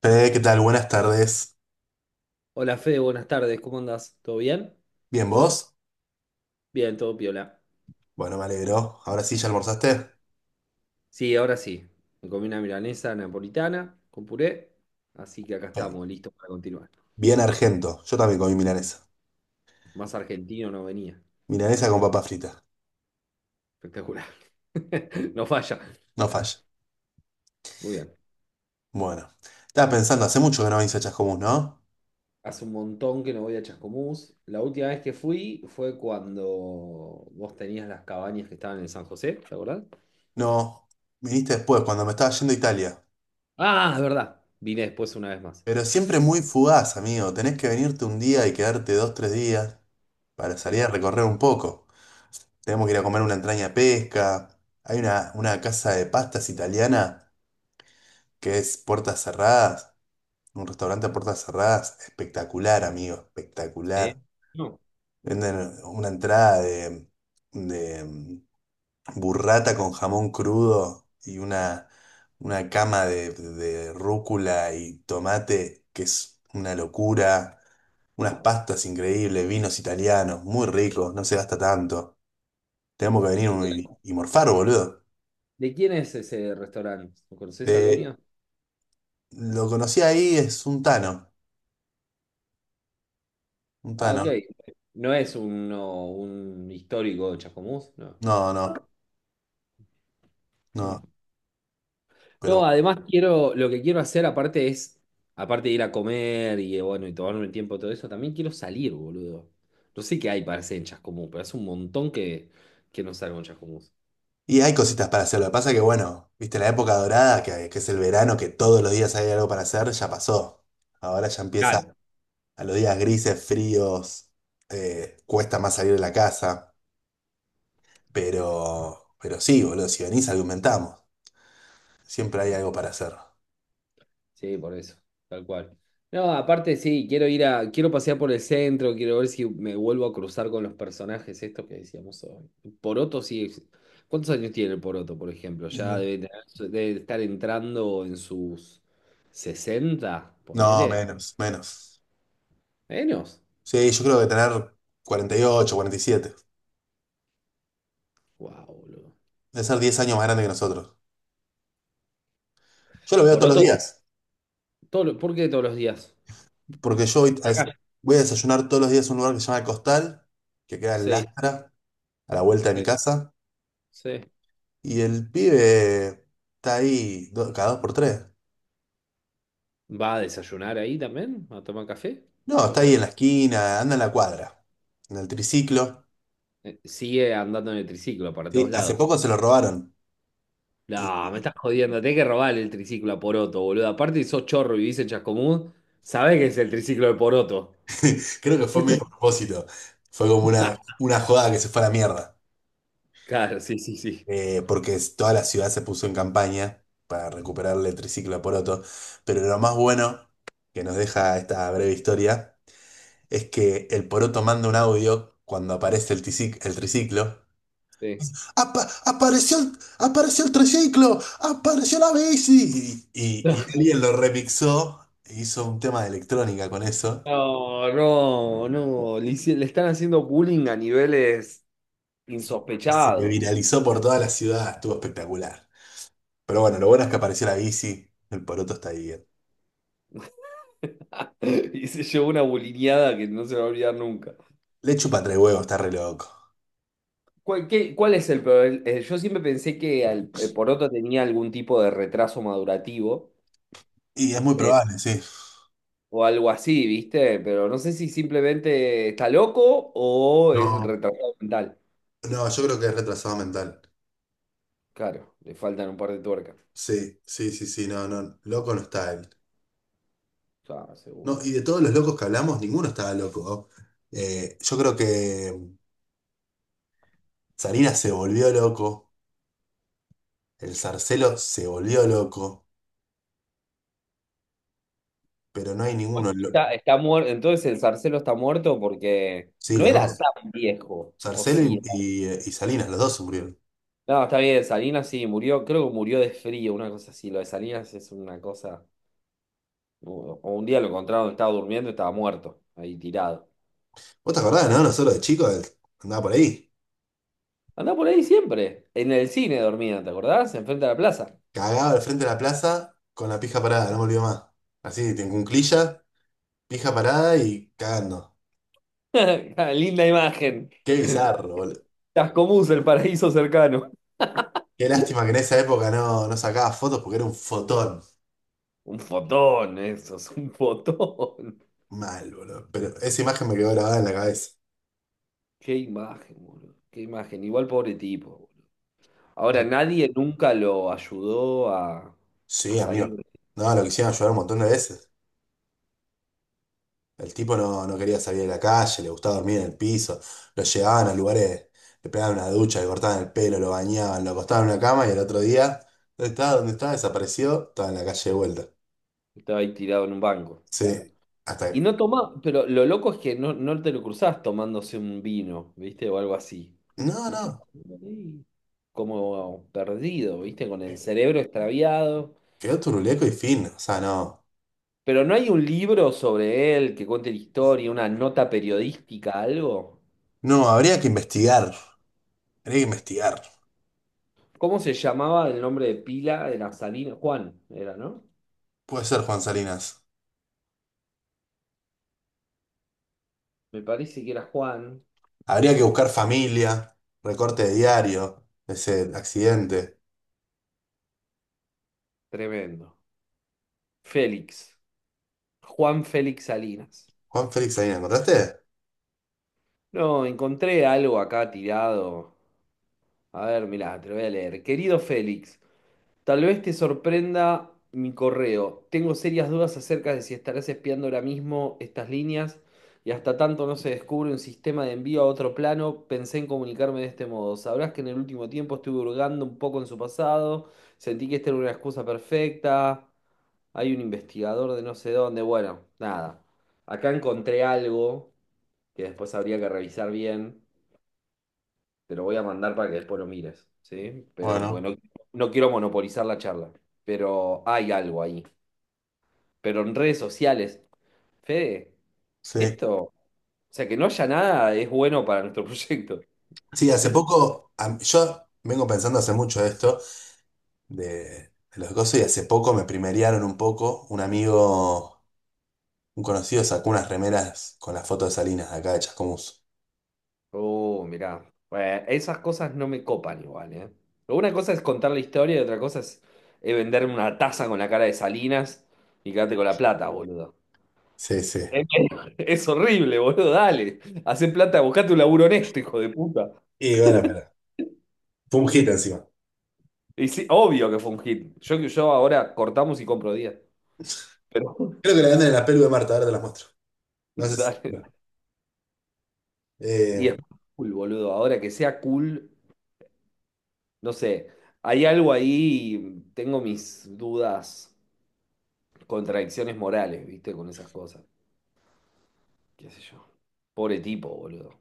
Fede, ¿qué tal? Buenas tardes. Hola Fede, buenas tardes, ¿cómo andás? ¿Todo bien? ¿Bien vos? Bien, todo piola. Bueno, me alegro. Ahora sí, ¿ya almorzaste? Sí, ahora sí. Me comí una milanesa napolitana con puré, así que acá Ok. estamos, listos para continuar. Bien argento. Yo también comí milanesa. Más argentino no venía, Milanesa ¿no? con papa frita. Espectacular. No falla. No falla. Muy bien. Bueno. Estaba pensando, hace mucho que no venís a Chascomús, ¿no? Hace un montón que no voy a Chascomús. La última vez que fui fue cuando vos tenías las cabañas que estaban en San José, ¿te acordás? No. Viniste después, cuando me estaba yendo a Italia. Ah, es verdad. Vine después una vez más. Pero siempre muy fugaz, amigo. Tenés que venirte un día y quedarte 2, 3 días para salir Sí. a recorrer un poco. Tenemos que ir a comer una entraña de pesca. Hay una casa de pastas italiana que es puertas cerradas. Un restaurante a puertas cerradas, espectacular, amigo, espectacular. Sí. No. Venden una entrada de burrata con jamón crudo y una cama de rúcula y tomate, que es una locura. Unas Wow. pastas increíbles, vinos italianos, muy ricos, no se gasta tanto. Tenemos que venir y morfar, boludo. ¿De quién es ese restaurante? ¿Lo conoces al De- dueño? lo conocí ahí, es un tano, un Ah, tano. ok. No es un histórico de Chascomús, no. No, no, Mm. no, No, pero... además quiero, lo que quiero hacer aparte es, aparte de ir a comer y bueno, y tomarme el tiempo todo eso, también quiero salir, boludo. No sé qué hay para hacer en Chascomús, pero hace un montón que no salgo en Chascomús. Y hay cositas para hacer. Lo que pasa que, bueno, viste, la época dorada, que es el verano, que todos los días hay algo para hacer, ya pasó. Ahora ya empieza Claro. a los días grises, fríos, cuesta más salir de la casa. Pero sí, boludo, si venís, argumentamos. Siempre hay algo para hacer. Sí, por eso, tal cual. No, aparte sí, quiero pasear por el centro, quiero ver si me vuelvo a cruzar con los personajes estos que decíamos hoy. Poroto sí, ¿cuántos años tiene el Poroto, por ejemplo? Ya Y- debe, debe estar entrando en sus 60 No, ponele. menos, menos. Menos. Sí, yo creo que tener 40, 48, 47. Wow, boludo. Debe ser 10 años más grande que nosotros. Yo lo veo todos los Poroto, días, ¿por qué todos los días? porque yo Por acá. voy a desayunar todos los días en un lugar que se llama El Costal, que queda en Sí, Lastra, a la vuelta de mi sí, casa. sí. Y el pibe está cada dos por tres. ¿Va a desayunar ahí también? ¿A tomar café? No, Toma está ahí café. en la esquina, anda en la cuadra, en el triciclo. Sigue andando en el triciclo para Sí, todos hace lados. poco se lo robaron. No, me Y, y estás jodiendo. Tenés que robarle el triciclo a Poroto, boludo. Aparte, si sos chorro y vivís en Chascomús, sabés que es el triciclo de Poroto. creo que fue medio Este- a propósito. Fue como una, una joda que se fue a la mierda. Claro, sí, sí, sí. Toda la ciudad se puso en campaña para recuperarle el triciclo a Poroto. Pero lo más bueno que nos deja esta breve historia es que el Poroto manda un audio cuando aparece el triciclo. Sí. Apareció el triciclo, apareció la bici. Y No, alguien lo remixó e hizo un tema de electrónica con eso. no, no, no. Le están haciendo bullying a niveles Y se insospechados. viralizó por toda la ciudad, estuvo espectacular. Pero bueno, lo bueno es que apareció la bici, el poroto está bien. Y se llevó una bulineada que no se va a olvidar nunca. Le chupa tres huevos, está re loco. ¿Cuál, cuál es el problema? Yo siempre pensé que el Poroto tenía algún tipo de retraso madurativo. Y es muy probable, sí. O algo así, ¿viste? Pero no sé si simplemente está loco o es No, retrasado mental. no, yo creo que es retrasado mental. Claro, le faltan un par de tuercas. Sí, sí, sí, sí, no, no, loco no está él. Ya, No, seguro. y de todos los locos que hablamos, ninguno estaba loco. Yo creo que Sarina se volvió loco. El Zarcelo se volvió loco, pero no hay ninguno. Está, está muerto, entonces el Zarcelo está muerto porque Sí, no los era dos. tan viejo, o Zarcelo sí. y Salinas, los dos se murieron. No, está bien, Salinas sí murió, creo que murió de frío, una cosa así. Lo de Salinas es una cosa. O un día lo encontraron, estaba durmiendo, estaba muerto, ahí tirado. ¿Vos te acordás, no? Nosotros de chicos andaba por ahí. Andá por ahí siempre, en el cine dormía, ¿te acordás? Enfrente de la plaza. Cagaba al frente de la plaza con la pija parada, no me olvido más. Así, en cunclilla, pija parada y cagando. Linda imagen. Qué bizarro, boludo. Tascomús, el paraíso cercano. Qué lástima que en esa época no sacaba fotos porque era un fotón. Un fotón, eso es un fotón. Mal, boludo. Pero esa imagen me quedó grabada en la cabeza. Qué imagen, boludo. Qué imagen. Igual pobre tipo, boludo. Ahora, nadie nunca Sí, a salir. amigo. No, lo quisieron ayudar un montón de veces. El tipo no quería salir de la calle, le gustaba dormir en el piso, lo llevaban a lugares, le pegaban una ducha, le cortaban el pelo, lo bañaban, lo acostaban en una cama y el otro día, ¿dónde estaba? ¿Dónde estaba? Desapareció, estaba en la calle de vuelta. Estaba ahí tirado en un banco, claro. Sí, hasta Y que... no toma, pero lo loco es que no, no te lo cruzás tomándose un vino, ¿viste? O algo así. No, Un no, tipo ahí como perdido, ¿viste? Con el cerebro extraviado. quedó turuleco y fin, o sea, no. Pero no hay un libro sobre él que cuente la historia, una nota periodística, algo. No, habría que investigar, habría que investigar. ¿Cómo se llamaba el nombre de pila? Era Salina. Juan, era, ¿no? Puede ser, Juan Salinas. Me parece que era Juan, Habría pero que no. buscar familia, recorte de diario, ese accidente. Tremendo. Félix. Juan Félix Salinas. Juan Félix Salinas, ¿encontraste? No, encontré algo acá tirado. A ver, mirá, te lo voy a leer. Querido Félix. Tal vez te sorprenda mi correo. Tengo serias dudas acerca de si estarás espiando ahora mismo estas líneas y hasta tanto no se descubre un sistema de envío a otro plano, pensé en comunicarme de este modo. Sabrás que en el último tiempo estuve hurgando un poco en su pasado, sentí que esta era una excusa perfecta. Hay un investigador de no sé dónde. Bueno, nada. Acá encontré algo que después habría que revisar bien. Te lo voy a mandar para que después lo mires, ¿sí? Pero Bueno, porque no, no quiero monopolizar la charla. Pero hay algo ahí. Pero en redes sociales, Fede, sí. esto, o sea, que no haya nada es bueno para nuestro proyecto. Sí, En hace serio. poco, yo vengo pensando hace mucho esto de, de los cosas y hace poco me primerearon un poco. Un amigo, un conocido sacó unas remeras con la foto de Salinas de acá de Chascomús. Oh, mirá. Bueno, esas cosas no me copan igual, ¿eh? Una cosa es contar la historia y otra cosa es venderme una taza con la cara de Salinas y quedarte con la plata, boludo. Sí, sí. Es horrible, boludo, dale. Hacé plata, buscate un laburo honesto, hijo de puta. Y bueno, pero fue un hit encima. Y sí, obvio que fue un hit. Yo ahora cortamos y compro 10. Pero Creo que la venden en la pelu de Marta, ahora te las muestro. No sé si. dale. No. Y Eh, es cool, boludo. Ahora que sea cool, no sé. Hay algo ahí, tengo mis dudas, contradicciones morales, ¿viste? Con esas cosas. ¿Qué sé yo? Pobre tipo, boludo.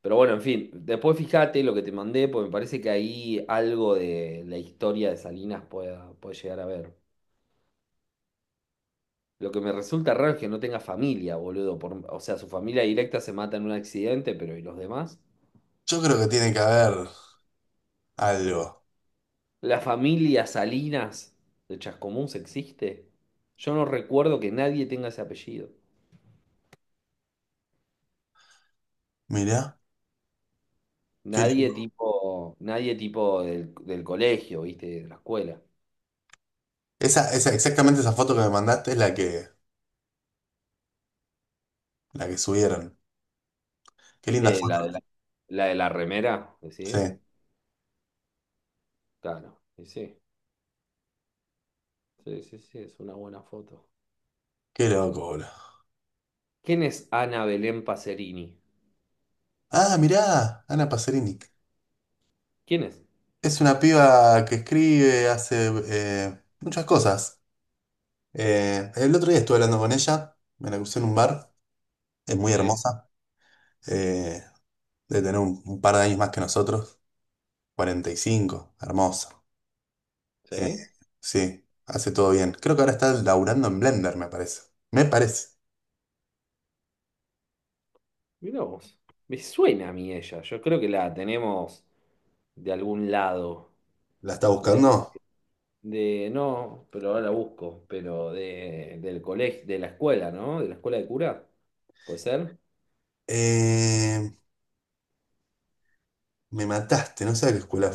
Pero bueno, en fin. Después fíjate lo que te mandé, porque me parece que ahí algo de la historia de Salinas puede llegar a ver. Lo que me resulta raro es que no tenga familia, boludo. O sea, su familia directa se mata en un accidente, pero ¿y los demás? yo creo que tiene que haber algo. ¿La familia Salinas de Chascomús existe? Yo no recuerdo que nadie tenga ese apellido. Mirá, qué Nadie lindo. tipo, nadie tipo del colegio, ¿viste? De la escuela. Exactamente esa foto que me mandaste es la que, subieron. Qué linda Eh, foto. la de la, la de la remera, decís. Sí, Claro, y sí, sí, sí, sí, es una buena foto. qué loco, boludo. ¿Quién es Ana Belén Pacerini? Ah, mirá, Ana Pacerini. ¿Quién es? Es una piba que escribe, hace muchas cosas. El otro día estuve hablando con ella, me la crucé en un bar, es muy Sí. hermosa, eh, debe tener un par de años más que nosotros, 45, hermosa. Eh, ¿Sí? sí, hace todo bien. Creo que ahora está laburando en Blender, me parece. Me parece. Mirá vos. Me suena a mí ella. Yo creo que la tenemos de algún lado. ¿La está De, buscando? No, pero ahora la busco. Pero del colegio, de la escuela, ¿no? De la escuela de cura. ¿Puede ser? Eh, me mataste, no sé a qué escuela.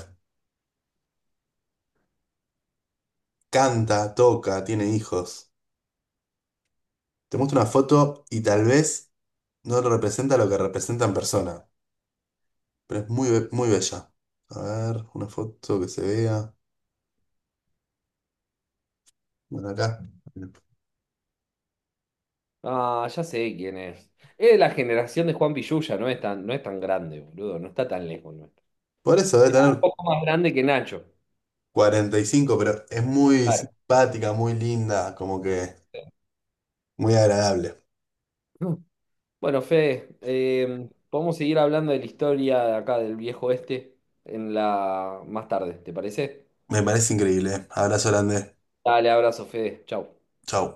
Canta, toca, tiene hijos. Te muestro una foto y tal vez... No representa lo que representa en persona, pero es muy, muy bella. A ver, una foto que se vea. Bueno, acá. Ah, ya sé quién es. Es de la generación de Juan Pillulla, no es tan grande, boludo. No está tan lejos nuestro. Por eso debe Es un tener poco más grande que Nacho. 45, pero es muy Claro. simpática, muy linda, como que muy agradable. Bueno, Fede, podemos seguir hablando de la historia de acá del viejo oeste en la más tarde, ¿te parece? Me parece increíble, ¿eh? Abrazo grande. Dale, abrazo, Fede. Chau. Chau.